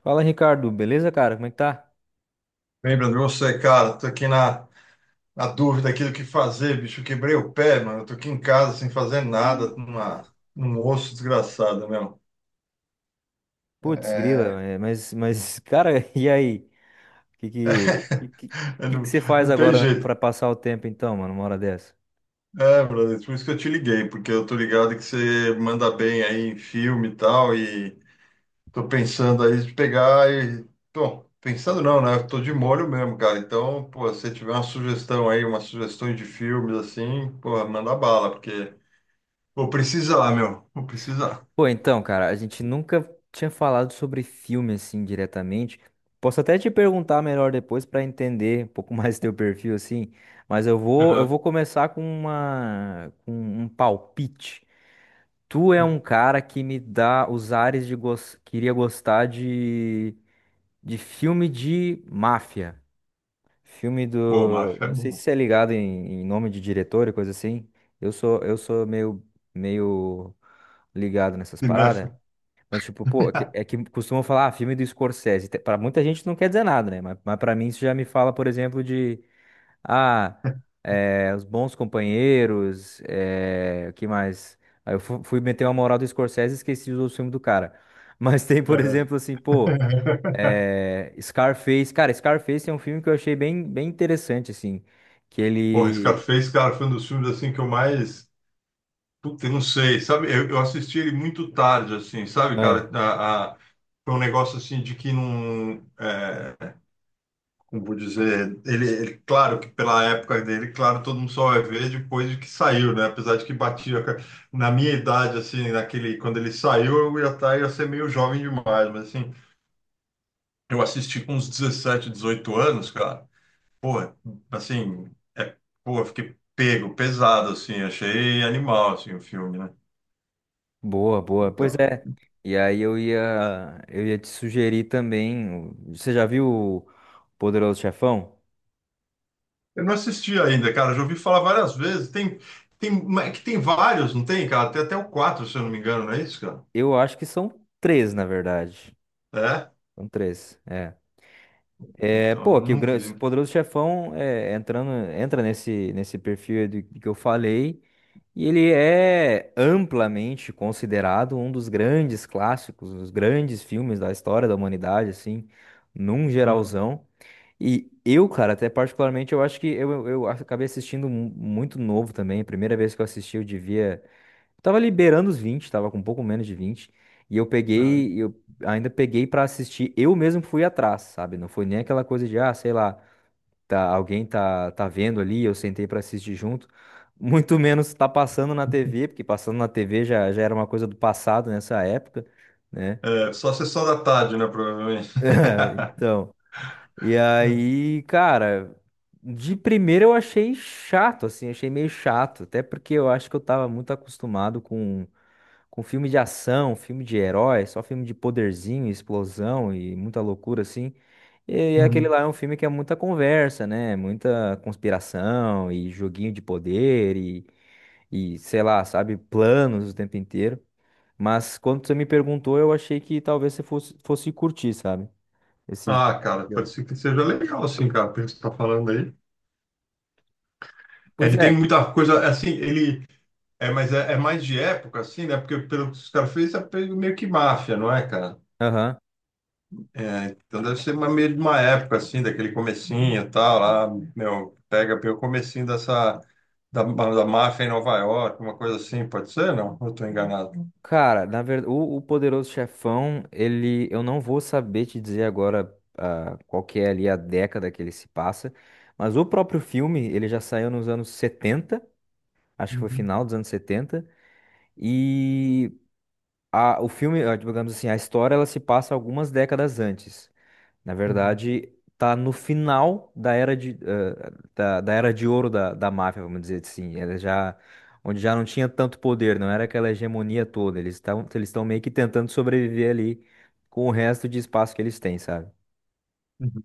Fala, Ricardo, beleza, cara? Como é que tá? Bem, Bruno, você, cara, tô aqui na dúvida aqui do que fazer, bicho. Eu quebrei o pé, mano. Eu tô aqui em casa sem fazer nada, num osso desgraçado, mesmo. Putz, É... grila, mas, cara, e aí? Que que, que, eu que não, você faz não tem agora pra jeito. passar o tempo, então, mano, uma hora dessa? É, brother, por isso que eu te liguei, porque eu tô ligado que você manda bem aí em filme e tal, e tô pensando aí de pegar e. Bom, pensando não, né? Eu tô de molho mesmo, cara. Então, pô, se tiver uma sugestão aí, umas sugestões de filmes assim, pô, manda bala, porque. Vou precisar, meu. Vou precisar. Pô, então, cara, a gente nunca tinha falado sobre filme, assim, diretamente. Posso até te perguntar melhor depois pra entender um pouco mais teu perfil, assim, mas eu Aham. vou começar com com um palpite. Tu é um cara que me dá os ares de queria gostar de filme de máfia. Filme Pô, do. máfia é Não sei se bom. você é ligado em, em nome de diretor e coisa assim. Eu sou meio, meio ligado nessas paradas. Cinéfilo. Mas, tipo, pô, é que costumam falar, ah, filme do Scorsese. Pra muita gente não quer dizer nada, né? Mas pra mim isso já me fala, por exemplo, de. Ah, é, Os Bons Companheiros. É, o que mais? Aí fui meter uma moral do Scorsese e esqueci os outros filmes do cara. Mas tem, por Aham. exemplo, assim, pô. É, Scarface, cara, Scarface é um filme que eu achei bem, bem interessante, assim, que Porra, ele... Scarface, cara, foi um dos filmes assim que eu mais. Puta, eu não sei, sabe? Eu assisti ele muito tarde, assim, sabe, cara? Ah, Foi um negócio assim de que não. é, Como vou dizer? Claro que pela época dele, claro, todo mundo só vai ver depois de que saiu, né? Apesar de que batia. Na minha idade, assim, naquele, quando ele saiu, eu ia estar, ia ser meio jovem demais, mas assim. Eu assisti com uns 17, 18 anos, cara. Pô, assim, é, pô, eu fiquei pego, pesado, assim, achei animal, assim, o filme, né? Boa, Então, pois é, e aí eu ia te sugerir também, o- você já viu o Poderoso Chefão? eu não assisti ainda, cara, já ouvi falar várias vezes. Tem, é que tem vários, não tem, cara? Tem até o 4, se eu não me engano, não é isso, cara? Eu acho que são três, na verdade, É? são três, é. É, Então, pô, eu que o não Gran- esse vi. Poderoso Chefão é, entrando, entra nesse, nesse perfil aí do que eu falei, e ele é amplamente considerado um dos grandes clássicos, um dos grandes filmes da história da humanidade, assim, num Hum, geralzão. E eu, cara, até particularmente, eu acho que eu acabei assistindo muito novo também. A primeira vez que eu assisti, eu devia. Tava liberando os vinte, tava com um pouco menos de vinte. E eu é. peguei, eu ainda peguei pra assistir. Eu mesmo fui atrás, sabe? Não foi nem aquela coisa de, ah, sei lá, tá, alguém tá, tá vendo ali, eu sentei pra assistir junto. Muito menos tá passando na TV, porque passando na TV já, já era uma coisa do passado nessa época, né? É, só sessão da tarde, né, provavelmente. Então, e É. aí, cara, de primeira eu achei chato, assim, achei meio chato, até porque eu acho que eu tava muito acostumado com filme de ação, filme de herói, só filme de poderzinho, explosão e muita loucura assim. E aquele Uhum. lá é um filme que é muita conversa, né? Muita conspiração e joguinho de poder e sei lá, sabe, planos o tempo inteiro. Mas quando você me perguntou, eu achei que talvez fosse curtir, sabe? Esse Ah, cara, pode filme. ser que seja legal, assim, cara, pelo que você tá falando aí. É, Pois ele tem é. muita coisa, assim, ele é, mas é, é mais de época, assim, né? Porque pelo que os caras fez, é meio que máfia, não é, cara? Aham. É, então deve ser uma, meio de uma época, assim, daquele comecinho e tal, lá, meu, pega pelo comecinho dessa, da máfia em Nova York, uma coisa assim, pode ser? Não? Eu tô enganado. Cara, na verdade, o Poderoso Chefão, ele, eu não vou saber te dizer agora, ah, qual que é ali a década que ele se passa, mas o próprio filme, ele já saiu nos anos 70, acho que foi Uhum, final dos anos setenta, e o filme, ah, digamos assim, a história, ela se passa algumas décadas antes. Na uhum, verdade, tá no final da era da, da era de ouro da máfia, vamos dizer assim. Ela já, onde já não tinha tanto poder, não era aquela hegemonia toda. Eles estão meio que tentando sobreviver ali com o resto de espaço que eles têm, sabe? uhum.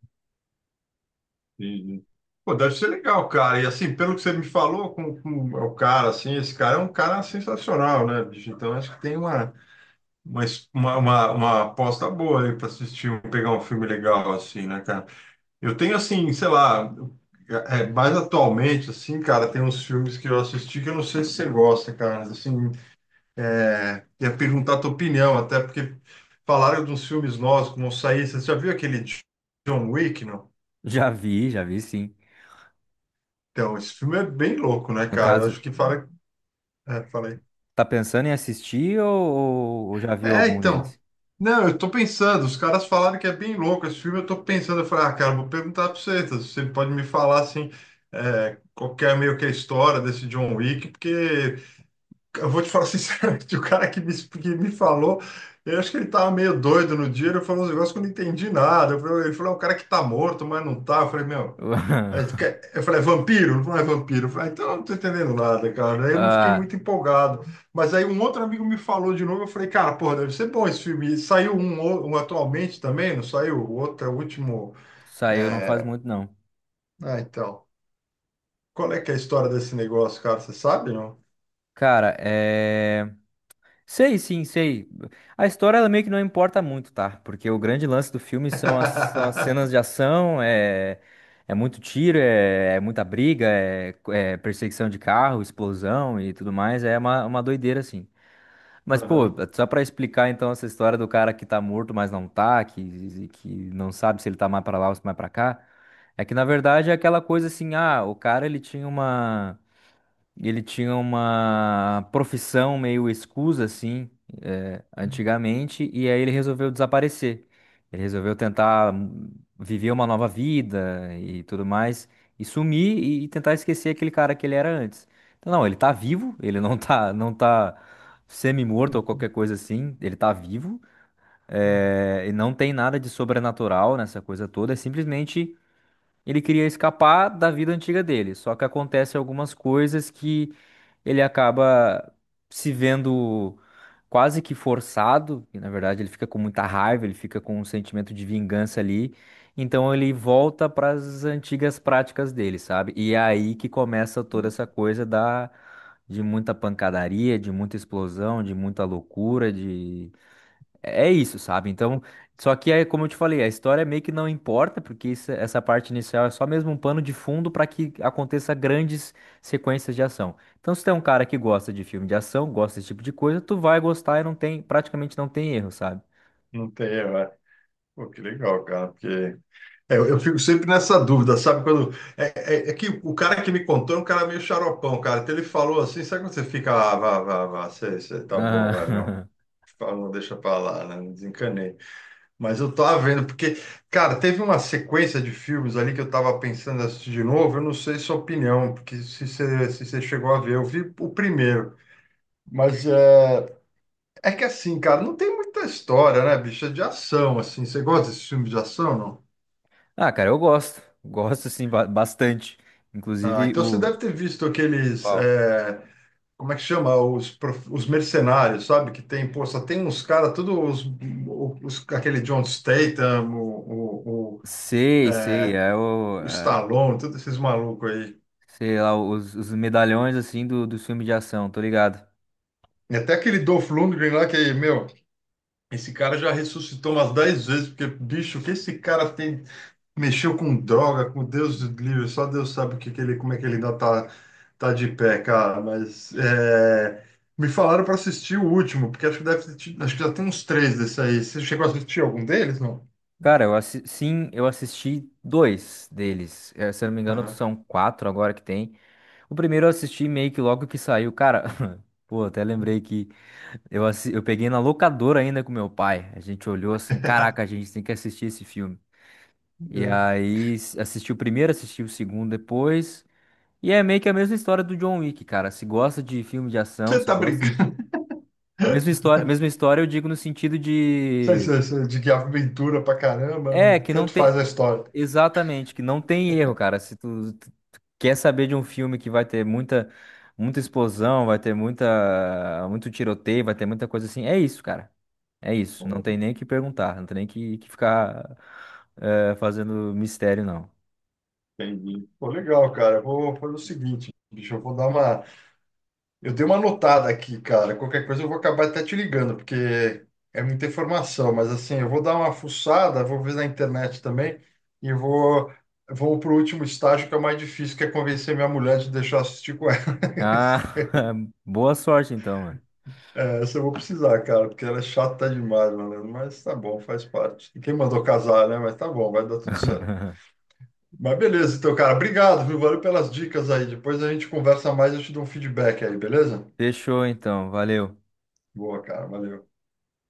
Entendi. Pô, deve ser legal, cara. E assim, pelo que você me falou com o cara, assim, esse cara é um cara sensacional, né, bicho? Então acho que tem uma, mas uma aposta boa aí para assistir, um- pegar um filme legal assim, né, cara? Eu tenho assim, sei lá, mais atualmente, assim, cara, tem uns filmes que eu assisti que eu não sei se você gosta, cara. Assim, é, ia perguntar a tua opinião, até porque falaram dos filmes novos que vão sair. Você já viu aquele John Wick, não? Já vi sim. Então, esse filme é bem louco, né, No cara? Eu caso, acho que fala. É, falei. tá pensando em assistir ou, já viu É, algum então. deles? Não, eu tô pensando, os caras falaram que é bem louco esse filme, eu tô pensando, eu falei, ah, cara, vou perguntar pra você, tá? Você pode me falar, assim, é, qual que é meio que a história desse John Wick, porque eu vou te falar sinceramente, o cara que me falou, eu acho que ele tava meio doido no dia, ele falou uns negócios que eu não entendi nada, eu falei, ele falou, é um cara que tá morto, mas não tá, eu falei, meu, aí ele quer- Eu falei, é vampiro? Não é vampiro. Eu falei, ah, então eu não tô entendendo nada, cara. Aí eu não fiquei Ah, muito empolgado. Mas aí um outro amigo me falou de novo. Eu falei, cara, pô, deve ser bom esse filme. E saiu um, o- um atualmente também, não saiu? O outro é o último. saiu não faz É, muito, não. Ah, então. Qual é que é a história desse negócio, cara? Você sabe, não? Cara, é. Sei, sim, sei. A história ela meio que não importa muito, tá? Porque o grande lance do filme são as cenas de ação, é, é muito tiro, é, é muita briga, é, é perseguição de carro, explosão e tudo mais. É uma doideira, assim. Mas, pô, Aham. só pra explicar então essa história do cara que tá morto, mas não tá, que não sabe se ele tá mais pra lá ou se mais pra cá. É que na verdade é aquela coisa assim, ah, o cara ele tinha uma. E ele tinha uma profissão meio escusa, assim, eh, antigamente, e aí ele resolveu desaparecer. Ele resolveu tentar, viver uma nova vida e tudo mais, e sumir e tentar esquecer aquele cara que ele era antes. Então, não, ele tá vivo, ele não tá, não tá semi-morto ou qualquer coisa assim, ele tá vivo, eh, e não tem nada de sobrenatural nessa coisa toda, é simplesmente. Ele queria escapar da vida antiga dele, só que acontece algumas coisas que ele acaba se vendo quase que forçado, e na verdade ele fica com muita raiva, ele fica com um sentimento de vingança ali, então ele volta para as antigas práticas dele, sabe? E é aí que começa toda essa coisa da de muita pancadaria, de muita explosão, de muita loucura, é isso, sabe? Então, só que é como eu te falei, a história meio que não importa, porque isso- essa parte inicial é só mesmo um pano de fundo para que aconteça grandes sequências de ação. Então, se tem um cara que gosta de filme de ação, gosta desse tipo de coisa, tu vai gostar e não tem, praticamente não tem erro, sabe? Não tem, é. Pô, que legal, cara, porque é, eu fico sempre nessa dúvida, sabe? Quando é, é que o cara que me contou é um cara meio xaropão, cara. Então ele falou assim, sabe quando você fica, ah, vá, vá, vá, sei, sei, tá bom, vai, meu. Ah, Fala, não deixa pra lá, né? Não desencanei. Mas eu tava vendo, porque, cara, teve uma sequência de filmes ali que eu tava pensando em assistir de novo. Eu não sei sua opinião, porque se você chegou a ver, eu vi o primeiro. Mas é, é que assim, cara, não tem muita história, né, bicho? É de ação, assim. Você gosta desse filme de ação, não? ah, cara, eu gosto. Gosto sim, bastante. Ah, Inclusive então você o deve ter visto aqueles, Qual? é, como é que chama? Os, prof- os mercenários, sabe? Que tem, pô, só tem uns caras, todos os- aquele John Statham, Sei, sei, é o o é, Stallone, todos esses malucos aí. sei lá, os medalhões assim do filme de ação, tô ligado. E até aquele Dolph Lundgren lá que, meu, esse cara já ressuscitou umas 10 vezes, porque, bicho, o que esse cara tem mexeu com droga, com Deus livre, só Deus sabe o que que ele, como é que ele ainda tá, tá de pé, cara. Mas é, me falaram para assistir o último, porque acho que deve ter tido, acho que já tem uns três desse aí. Você chegou a assistir algum deles, não? Cara, eu sim, eu assisti dois deles. Eh, se eu não me engano, Aham. são quatro agora que tem. O primeiro eu assisti meio que logo que saiu. Cara, pô, até lembrei que eu, eu peguei na locadora ainda com meu pai. A gente olhou assim, caraca, a gente tem que assistir esse filme. E É. aí assisti o primeiro, assisti o segundo depois. E é meio que a mesma história do John Wick, cara. Se gosta de filme de ação, Você se tá gosta de... brincando? Mesma história eu digo no sentido Sei, de sei, sei, de que aventura pra caramba, é, não- que não tanto faz a tem. história. Exatamente, que não tem erro, cara. Se tu quer saber de um filme que vai ter muita, muita explosão, vai ter muita, muito tiroteio, vai ter muita coisa assim, é isso, cara. É isso. Não Pô, tem nem o que perguntar, não tem nem que, que ficar, eh, fazendo mistério, não. entendi. Pô, legal, cara. Eu vou fazer o seguinte, bicho, eu vou dar uma eu dei uma anotada aqui, cara. Qualquer coisa eu vou acabar até te ligando, porque é muita informação. Mas assim, eu vou dar uma fuçada, vou ver na internet também e vou, vou para o último estágio, que é o mais difícil, que é convencer minha mulher de deixar eu assistir com ela. Ah, boa sorte então, mano. É, essa eu vou precisar, cara, porque ela é chata demais, mano. Mas tá bom, faz parte. E quem mandou casar, né? Mas tá bom, vai dar tudo certo. Mas beleza, então, cara, obrigado, viu? Valeu pelas dicas aí. Depois a gente conversa mais, eu te dou um feedback aí, beleza? Fechou então, valeu. Boa, cara, valeu.